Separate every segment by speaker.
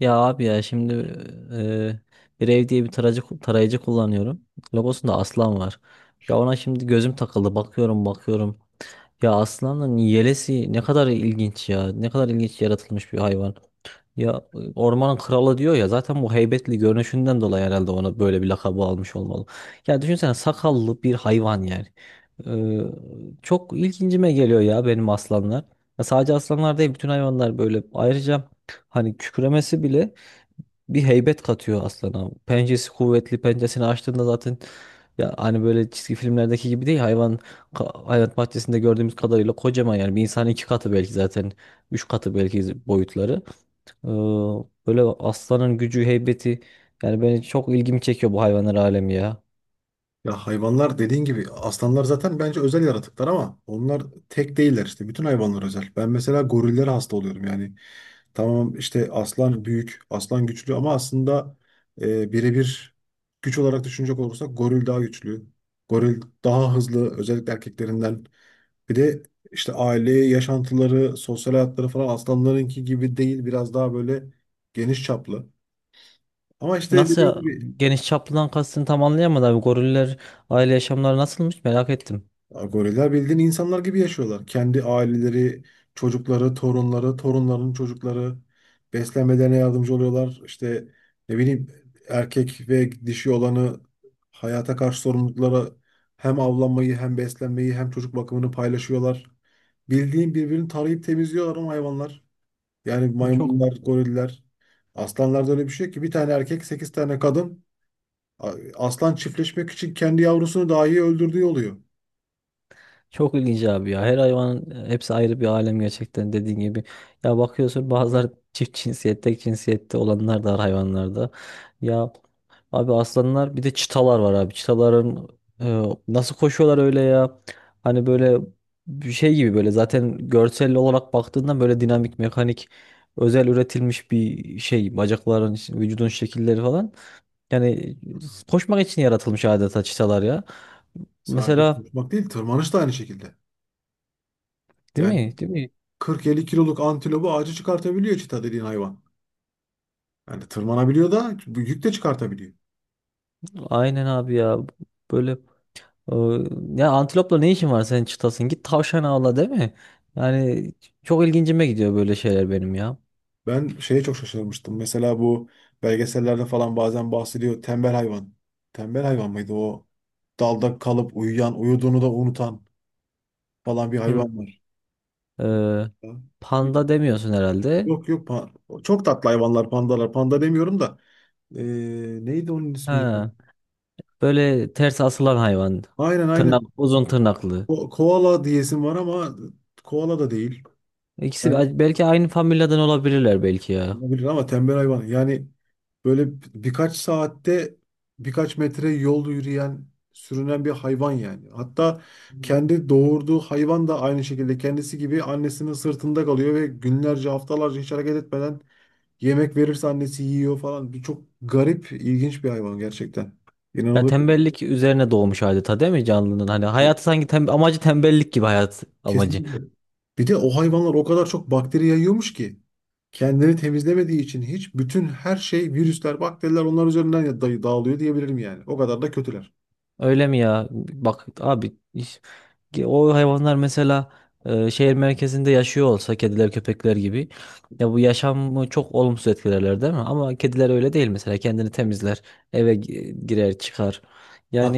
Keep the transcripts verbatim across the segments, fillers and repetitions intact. Speaker 1: Ya abi ya şimdi e, bir ev diye bir tarayıcı, tarayıcı kullanıyorum. Logosunda aslan var. Ya ona şimdi gözüm takıldı. Bakıyorum bakıyorum. Ya aslanın yelesi ne kadar ilginç ya. Ne kadar ilginç yaratılmış bir hayvan. Ya e, ormanın kralı diyor ya zaten bu heybetli görünüşünden dolayı herhalde ona böyle bir lakabı almış olmalı. Ya düşünsene sakallı bir hayvan yani. E, çok ilgincime geliyor ya benim aslanlar. Ya sadece aslanlar değil bütün hayvanlar böyle. Ayrıca hani kükremesi bile bir heybet katıyor aslana. Pençesi kuvvetli, pençesini açtığında zaten ya hani böyle çizgi filmlerdeki gibi değil hayvan, ka- hayvanat bahçesinde gördüğümüz kadarıyla kocaman, yani bir insanın iki katı belki, zaten üç katı belki boyutları. Ee, Böyle aslanın gücü, heybeti, yani beni çok ilgimi çekiyor bu hayvanlar alemi ya.
Speaker 2: Ya hayvanlar dediğin gibi aslanlar zaten bence özel yaratıklar ama onlar tek değiller işte. Bütün hayvanlar özel. Ben mesela gorillere hasta oluyorum yani. Tamam işte aslan büyük, aslan güçlü ama aslında e, birebir güç olarak düşünecek olursak goril daha güçlü. Goril daha hızlı özellikle erkeklerinden. Bir de işte aile yaşantıları, sosyal hayatları falan aslanlarınki gibi değil. Biraz daha böyle geniş çaplı. Ama işte
Speaker 1: Nasıl
Speaker 2: dediğim
Speaker 1: ya,
Speaker 2: gibi
Speaker 1: geniş çaplıdan kastını tam anlayamadım abi. Goriller aile yaşamları nasılmış merak ettim.
Speaker 2: ya goriller bildiğin insanlar gibi yaşıyorlar. Kendi aileleri, çocukları, torunları, torunların çocukları beslenmelerine yardımcı oluyorlar. İşte ne bileyim erkek ve dişi olanı hayata karşı sorumluluklara hem avlanmayı hem beslenmeyi hem çocuk bakımını paylaşıyorlar. Bildiğin birbirini tarayıp temizliyorlar ama hayvanlar. Yani
Speaker 1: Çok
Speaker 2: maymunlar, goriller. Aslanlarda öyle bir şey yok ki, bir tane erkek, sekiz tane kadın. Aslan çiftleşmek için kendi yavrusunu dahi öldürdüğü oluyor.
Speaker 1: Çok ilginç abi ya. Her hayvanın hepsi ayrı bir alem gerçekten dediğin gibi. Ya bakıyorsun bazıları çift cinsiyette, tek cinsiyette olanlar da var hayvanlarda. Ya abi aslanlar, bir de çitalar var abi. Çitaların e, nasıl koşuyorlar öyle ya? Hani böyle bir şey gibi, böyle zaten görsel olarak baktığında böyle dinamik, mekanik, özel üretilmiş bir şey. Bacakların, vücudun şekilleri falan. Yani koşmak için yaratılmış adeta çitalar ya.
Speaker 2: Sadece
Speaker 1: Mesela
Speaker 2: konuşmak değil, tırmanış da aynı şekilde.
Speaker 1: değil
Speaker 2: Yani
Speaker 1: mi? Değil mi?
Speaker 2: kırk elli kiloluk antilopu ağacı çıkartabiliyor çita dediğin hayvan. Yani tırmanabiliyor da bu yük de çıkartabiliyor.
Speaker 1: Aynen abi ya. Böyle e, ya antilopla ne işin var senin çıtasın? Git tavşan avla değil mi? Yani çok ilgincime gidiyor böyle şeyler benim ya.
Speaker 2: Ben şeye çok şaşırmıştım. Mesela bu belgesellerde falan bazen bahsediyor. Tembel hayvan. Tembel hayvan mıydı o? Dalda kalıp uyuyan, uyuduğunu da unutan falan bir
Speaker 1: Hı.
Speaker 2: hayvan var.
Speaker 1: Ee,
Speaker 2: Ha?
Speaker 1: Panda demiyorsun herhalde.
Speaker 2: Yok yok. pa- Çok tatlı hayvanlar pandalar. Panda demiyorum da. Ee, neydi onun ismi?
Speaker 1: Ha, böyle ters asılan hayvan.
Speaker 2: Aynen
Speaker 1: Tırnak,
Speaker 2: aynen.
Speaker 1: uzun tırnaklı.
Speaker 2: Ko koala diyesim var ama koala da değil.
Speaker 1: İkisi bel- belki aynı familyadan olabilirler belki ya.
Speaker 2: Olabilir ama tembel hayvan. Yani böyle birkaç saatte birkaç metre yol yürüyen, sürünen bir hayvan yani. Hatta kendi doğurduğu hayvan da aynı şekilde kendisi gibi annesinin sırtında kalıyor ve günlerce, haftalarca hiç hareket etmeden yemek verirse annesi yiyor falan. Bir çok garip, ilginç bir hayvan gerçekten.
Speaker 1: Ya
Speaker 2: İnanılır.
Speaker 1: tembellik üzerine doğmuş adeta değil mi canlının? Hani hayatı sanki tem- amacı tembellik gibi, hayat amacı.
Speaker 2: Kesinlikle. Bir de o hayvanlar o kadar çok bakteri yayıyormuş ki kendini temizlemediği için hiç bütün her şey virüsler, bakteriler onlar üzerinden ya- day- dağılıyor diyebilirim yani. O kadar da kötüler.
Speaker 1: Öyle mi ya? Bak abi, ki o hayvanlar mesela e, şehir merkezinde yaşıyor olsa kediler köpekler gibi, ya bu yaşamı çok olumsuz etkilerler değil mi? Ama kediler öyle değil mesela, kendini temizler, eve gi- girer çıkar, yani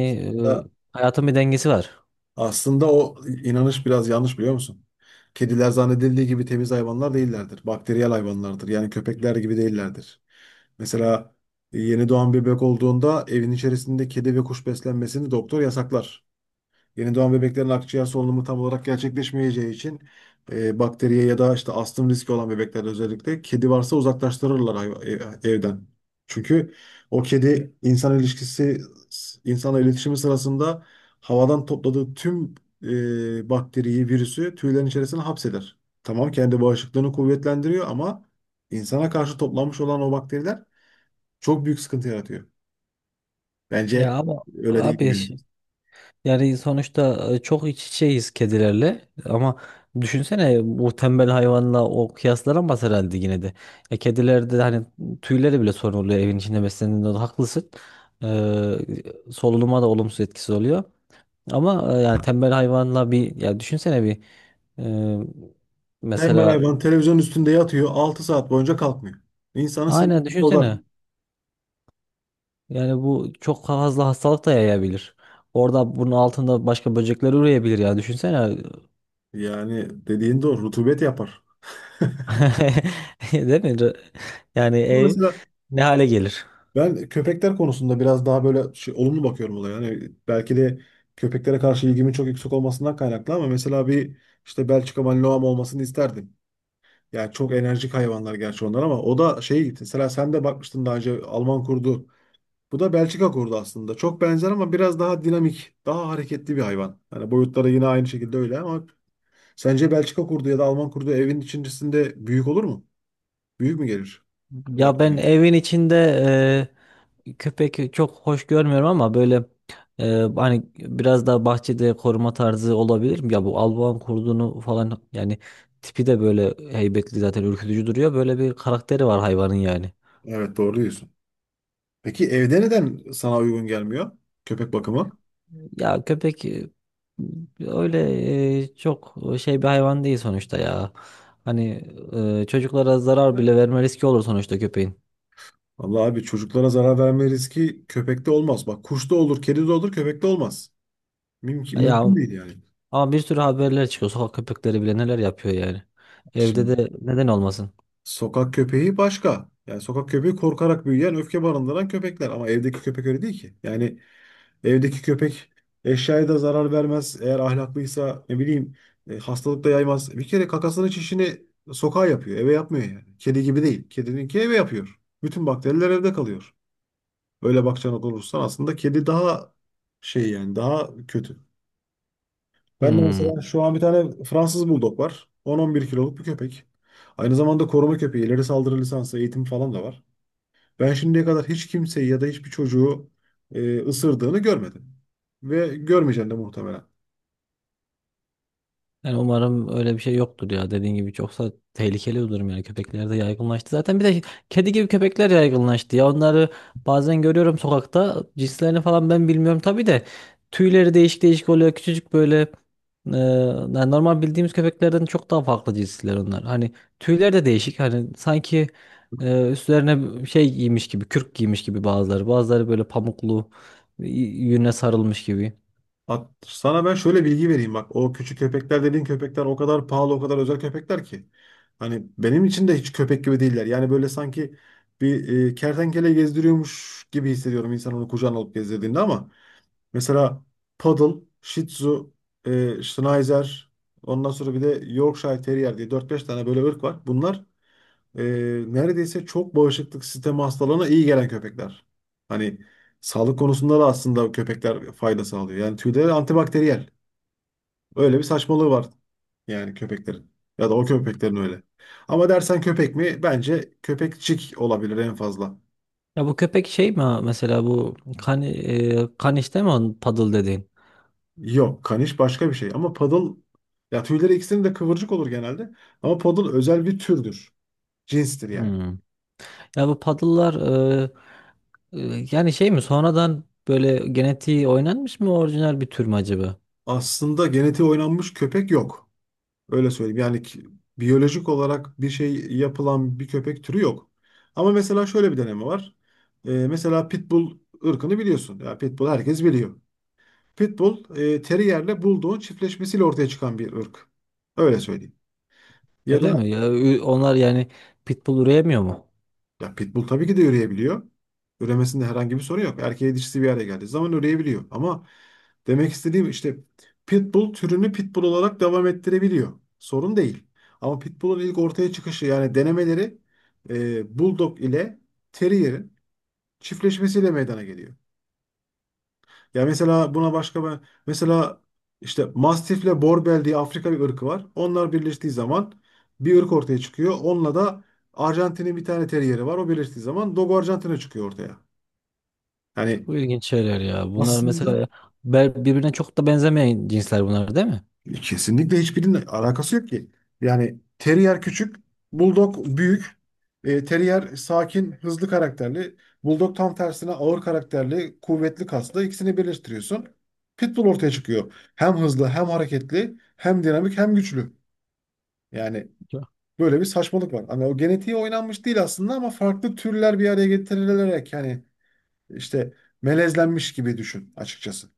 Speaker 1: e, hayatın bir dengesi var.
Speaker 2: aslında o inanış biraz yanlış biliyor musun? Kediler zannedildiği gibi temiz hayvanlar değillerdir. Bakteriyel hayvanlardır. Yani köpekler gibi değillerdir. Mesela yeni doğan bebek olduğunda evin içerisinde kedi ve kuş beslenmesini doktor yasaklar. Yeni doğan bebeklerin akciğer solunumu tam olarak gerçekleşmeyeceği için e, bakteriye ya da işte astım riski olan bebeklerde özellikle kedi varsa uzaklaştırırlar hayva- ev- evden. Çünkü o kedi insan ilişkisi, insanla iletişimi sırasında havadan topladığı tüm e, bakteriyi, virüsü tüylerin içerisine hapseder. Tamam kendi bağışıklığını kuvvetlendiriyor ama insana karşı toplanmış olan o bakteriler çok büyük sıkıntı yaratıyor. Bence
Speaker 1: Ya ama
Speaker 2: öyle değil
Speaker 1: abi,
Speaker 2: yani.
Speaker 1: yani sonuçta e, çok iç içeyiz kedilerle, ama düşünsene bu tembel hayvanla o kıyaslanamaz herhalde yine de. Ya kedilerde de hani tüyleri bile sorun oluyor evin içinde beslendiğinde, haklısın. Ee, Solunuma da olumsuz etkisi oluyor. Ama e, yani tembel hayvanla bir, ya düşünsene bir, e,
Speaker 2: Tembel
Speaker 1: mesela,
Speaker 2: hayvan televizyon üstünde yatıyor altı saat boyunca kalkmıyor. İnsanı
Speaker 1: aynen
Speaker 2: sinirleri bozar.
Speaker 1: düşünsene. Yani bu çok fazla hastalık da yayabilir. Orada bunun altında başka böcekler ürüyebilir ya. Düşünsene.
Speaker 2: Yani dediğin doğru, rutubet yapar.
Speaker 1: Değil mi? Yani
Speaker 2: Ama
Speaker 1: ev
Speaker 2: mesela
Speaker 1: ne hale gelir?
Speaker 2: ben köpekler konusunda biraz daha böyle şey, olumlu bakıyorum olaya. Yani belki de köpeklere karşı ilgimin çok yüksek olmasından kaynaklı ama mesela bir işte Belçika Malinois'm olmasını isterdim. Yani çok enerjik hayvanlar gerçi onlar ama o da şey, mesela sen de bakmıştın daha önce Alman kurdu. Bu da Belçika kurdu aslında. Çok benzer ama biraz daha dinamik, daha hareketli bir hayvan. Yani boyutları yine aynı şekilde öyle ama sence Belçika kurdu ya da Alman kurdu evin içerisinde büyük olur mu? Büyük mü gelir?
Speaker 1: Ya ben
Speaker 2: Bakmıyor.
Speaker 1: evin içinde e, köpek çok hoş görmüyorum, ama böyle e, hani biraz daha bahçede koruma tarzı olabilir mi? Ya bu Alman kurdunu falan yani, tipi de böyle heybetli zaten, ürkütücü duruyor. Böyle bir karakteri var hayvanın yani.
Speaker 2: Evet, doğru diyorsun. Peki evde neden sana uygun gelmiyor? Köpek bakımı.
Speaker 1: Ya köpek e, öyle e, çok şey bir hayvan değil sonuçta ya. Hani e, çocuklara zarar bile verme riski olur sonuçta köpeğin.
Speaker 2: Vallahi abi çocuklara zarar verme riski köpekte olmaz. Bak, kuşta olur, kedide olur, köpekte olmaz. Mümkün,
Speaker 1: Ya
Speaker 2: mümkün değil yani.
Speaker 1: ama bir sürü haberler çıkıyor. Sokak köpekleri bile neler yapıyor yani. Evde
Speaker 2: Şimdi
Speaker 1: de neden olmasın?
Speaker 2: sokak köpeği başka. Yani sokak köpeği korkarak büyüyen, öfke barındıran köpekler. Ama evdeki köpek öyle değil ki. Yani evdeki köpek eşyaya da zarar vermez. Eğer ahlaklıysa ne bileyim, e, hastalık da yaymaz. Bir kere kakasını, çişini sokağa yapıyor. Eve yapmıyor yani. Kedi gibi değil. Kedininki eve yapıyor. Bütün bakteriler evde kalıyor. Öyle bakacağına olursan aslında kedi daha şey, yani daha kötü. Ben de
Speaker 1: Hmm.
Speaker 2: mesela şu an bir tane Fransız Bulldog var. on on bir kiloluk bir köpek. Aynı zamanda koruma köpeği. İleri saldırı lisansı, eğitim falan da var. Ben şimdiye kadar hiç kimseyi ya da hiçbir çocuğu e, ısırdığını görmedim. Ve görmeyeceğim de muhtemelen.
Speaker 1: Yani umarım öyle bir şey yoktur ya. Dediğin gibi çoksa tehlikeli bir durum yani. Köpekler de yaygınlaştı. Zaten bir de kedi gibi köpekler yaygınlaştı ya. Onları bazen görüyorum sokakta. Cinslerini falan ben bilmiyorum tabii de. Tüyleri değişik değişik oluyor. Küçücük böyle, e, yani normal bildiğimiz köpeklerden çok daha farklı cinsler onlar. Hani tüyler de değişik. Hani sanki e, üstlerine şey giymiş gibi, kürk giymiş gibi bazıları. Bazıları böyle pamuklu y- yüne sarılmış gibi.
Speaker 2: At, sana ben şöyle bilgi vereyim bak. O küçük köpekler dediğin köpekler o kadar pahalı, o kadar özel köpekler ki. Hani benim için de hiç köpek gibi değiller. Yani böyle sanki bir e, kertenkele gezdiriyormuş gibi hissediyorum insan onu kucağına alıp gezdirdiğinde ama mesela Poodle, Shih Tzu, e, Schnauzer, ondan sonra bir de Yorkshire Terrier diye dört beş tane böyle ırk var. Bunlar e, neredeyse çok bağışıklık sistemi hastalığına iyi gelen köpekler. Hani sağlık konusunda da aslında köpekler fayda sağlıyor. Yani tüyleri antibakteriyel. Öyle bir saçmalığı var yani köpeklerin. Ya da o köpeklerin öyle. Ama dersen köpek mi? Bence köpekçik olabilir en fazla.
Speaker 1: Ya bu köpek şey mi ha? Mesela bu kan, e, kan işte mi onun paddle dediğin?
Speaker 2: Yok, kaniş başka bir şey. Ama poodle, ya tüyleri ikisinin de kıvırcık olur genelde. Ama poodle özel bir türdür. Cinstir yani.
Speaker 1: Hmm. Ya bu paddle'lar, e, e, yani şey mi, sonradan böyle genetiği oynanmış mı, orijinal bir tür mü acaba?
Speaker 2: Aslında genetiği oynanmış köpek yok. Öyle söyleyeyim. Yani ki- biyolojik olarak bir şey yapılan bir köpek türü yok. Ama mesela şöyle bir deneme var. Ee, mesela Pitbull ırkını biliyorsun. Ya Pitbull herkes biliyor. Pitbull e, Terrier'le Bulldog'un çiftleşmesiyle ortaya çıkan bir ırk. Öyle söyleyeyim. Ya da
Speaker 1: Öyle mi? Ya, ü- onlar yani pitbull üreyemiyor mu?
Speaker 2: ya pitbull tabii ki de üreyebiliyor. Üremesinde herhangi bir sorun yok. Erkeği dişisi bir araya geldiği zaman üreyebiliyor. Ama demek istediğim işte pitbull türünü pitbull olarak devam ettirebiliyor. Sorun değil. Ama pitbull'un ilk ortaya çıkışı yani denemeleri e, bulldog ile terrier'in çiftleşmesiyle meydana geliyor. Ya mesela buna başka ben mesela işte Mastifle Borbel diye Afrika bir ırkı var. Onlar birleştiği zaman bir ırk ortaya çıkıyor. Onunla da Arjantin'in bir tane teriyeri var. O birleştiği zaman Dogo Arjantin'e çıkıyor ortaya.
Speaker 1: Çok
Speaker 2: Yani
Speaker 1: ilginç şeyler ya. Bunlar
Speaker 2: aslında
Speaker 1: mesela be- birbirine çok da benzemeyen cinsler bunlar değil mi?
Speaker 2: kesinlikle hiçbirinin alakası yok ki. Yani Terrier küçük, Bulldog büyük. E, Terrier sakin, hızlı karakterli. Bulldog tam tersine ağır karakterli, kuvvetli kaslı. İkisini birleştiriyorsun. Pitbull ortaya çıkıyor. Hem hızlı, hem hareketli, hem dinamik, hem güçlü. Yani
Speaker 1: Çok.
Speaker 2: böyle bir saçmalık var. Hani o genetiği oynanmış değil aslında ama farklı türler bir araya getirilerek yani işte melezlenmiş gibi düşün açıkçası.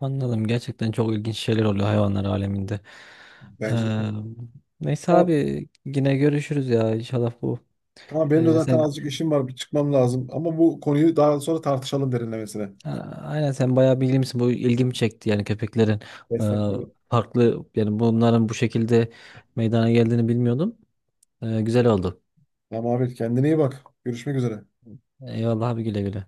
Speaker 1: Anladım. Gerçekten çok ilginç şeyler oluyor hayvanlar aleminde.
Speaker 2: Bence
Speaker 1: Ee, Neyse
Speaker 2: de.
Speaker 1: abi, yine görüşürüz ya inşallah bu.
Speaker 2: Tamam benim de
Speaker 1: Ee,
Speaker 2: zaten
Speaker 1: sen
Speaker 2: azıcık işim var. Bir çıkmam lazım. Ama bu konuyu daha sonra tartışalım derinlemesine.
Speaker 1: Ha, Aynen, sen bayağı bilgili misin? Bu ilgimi çekti, yani köpeklerin e,
Speaker 2: Destek.
Speaker 1: farklı, yani bunların bu şekilde meydana geldiğini bilmiyordum. E, güzel oldu.
Speaker 2: Tamam abi kendine iyi bak. Görüşmek üzere.
Speaker 1: Eyvallah abi, güle güle.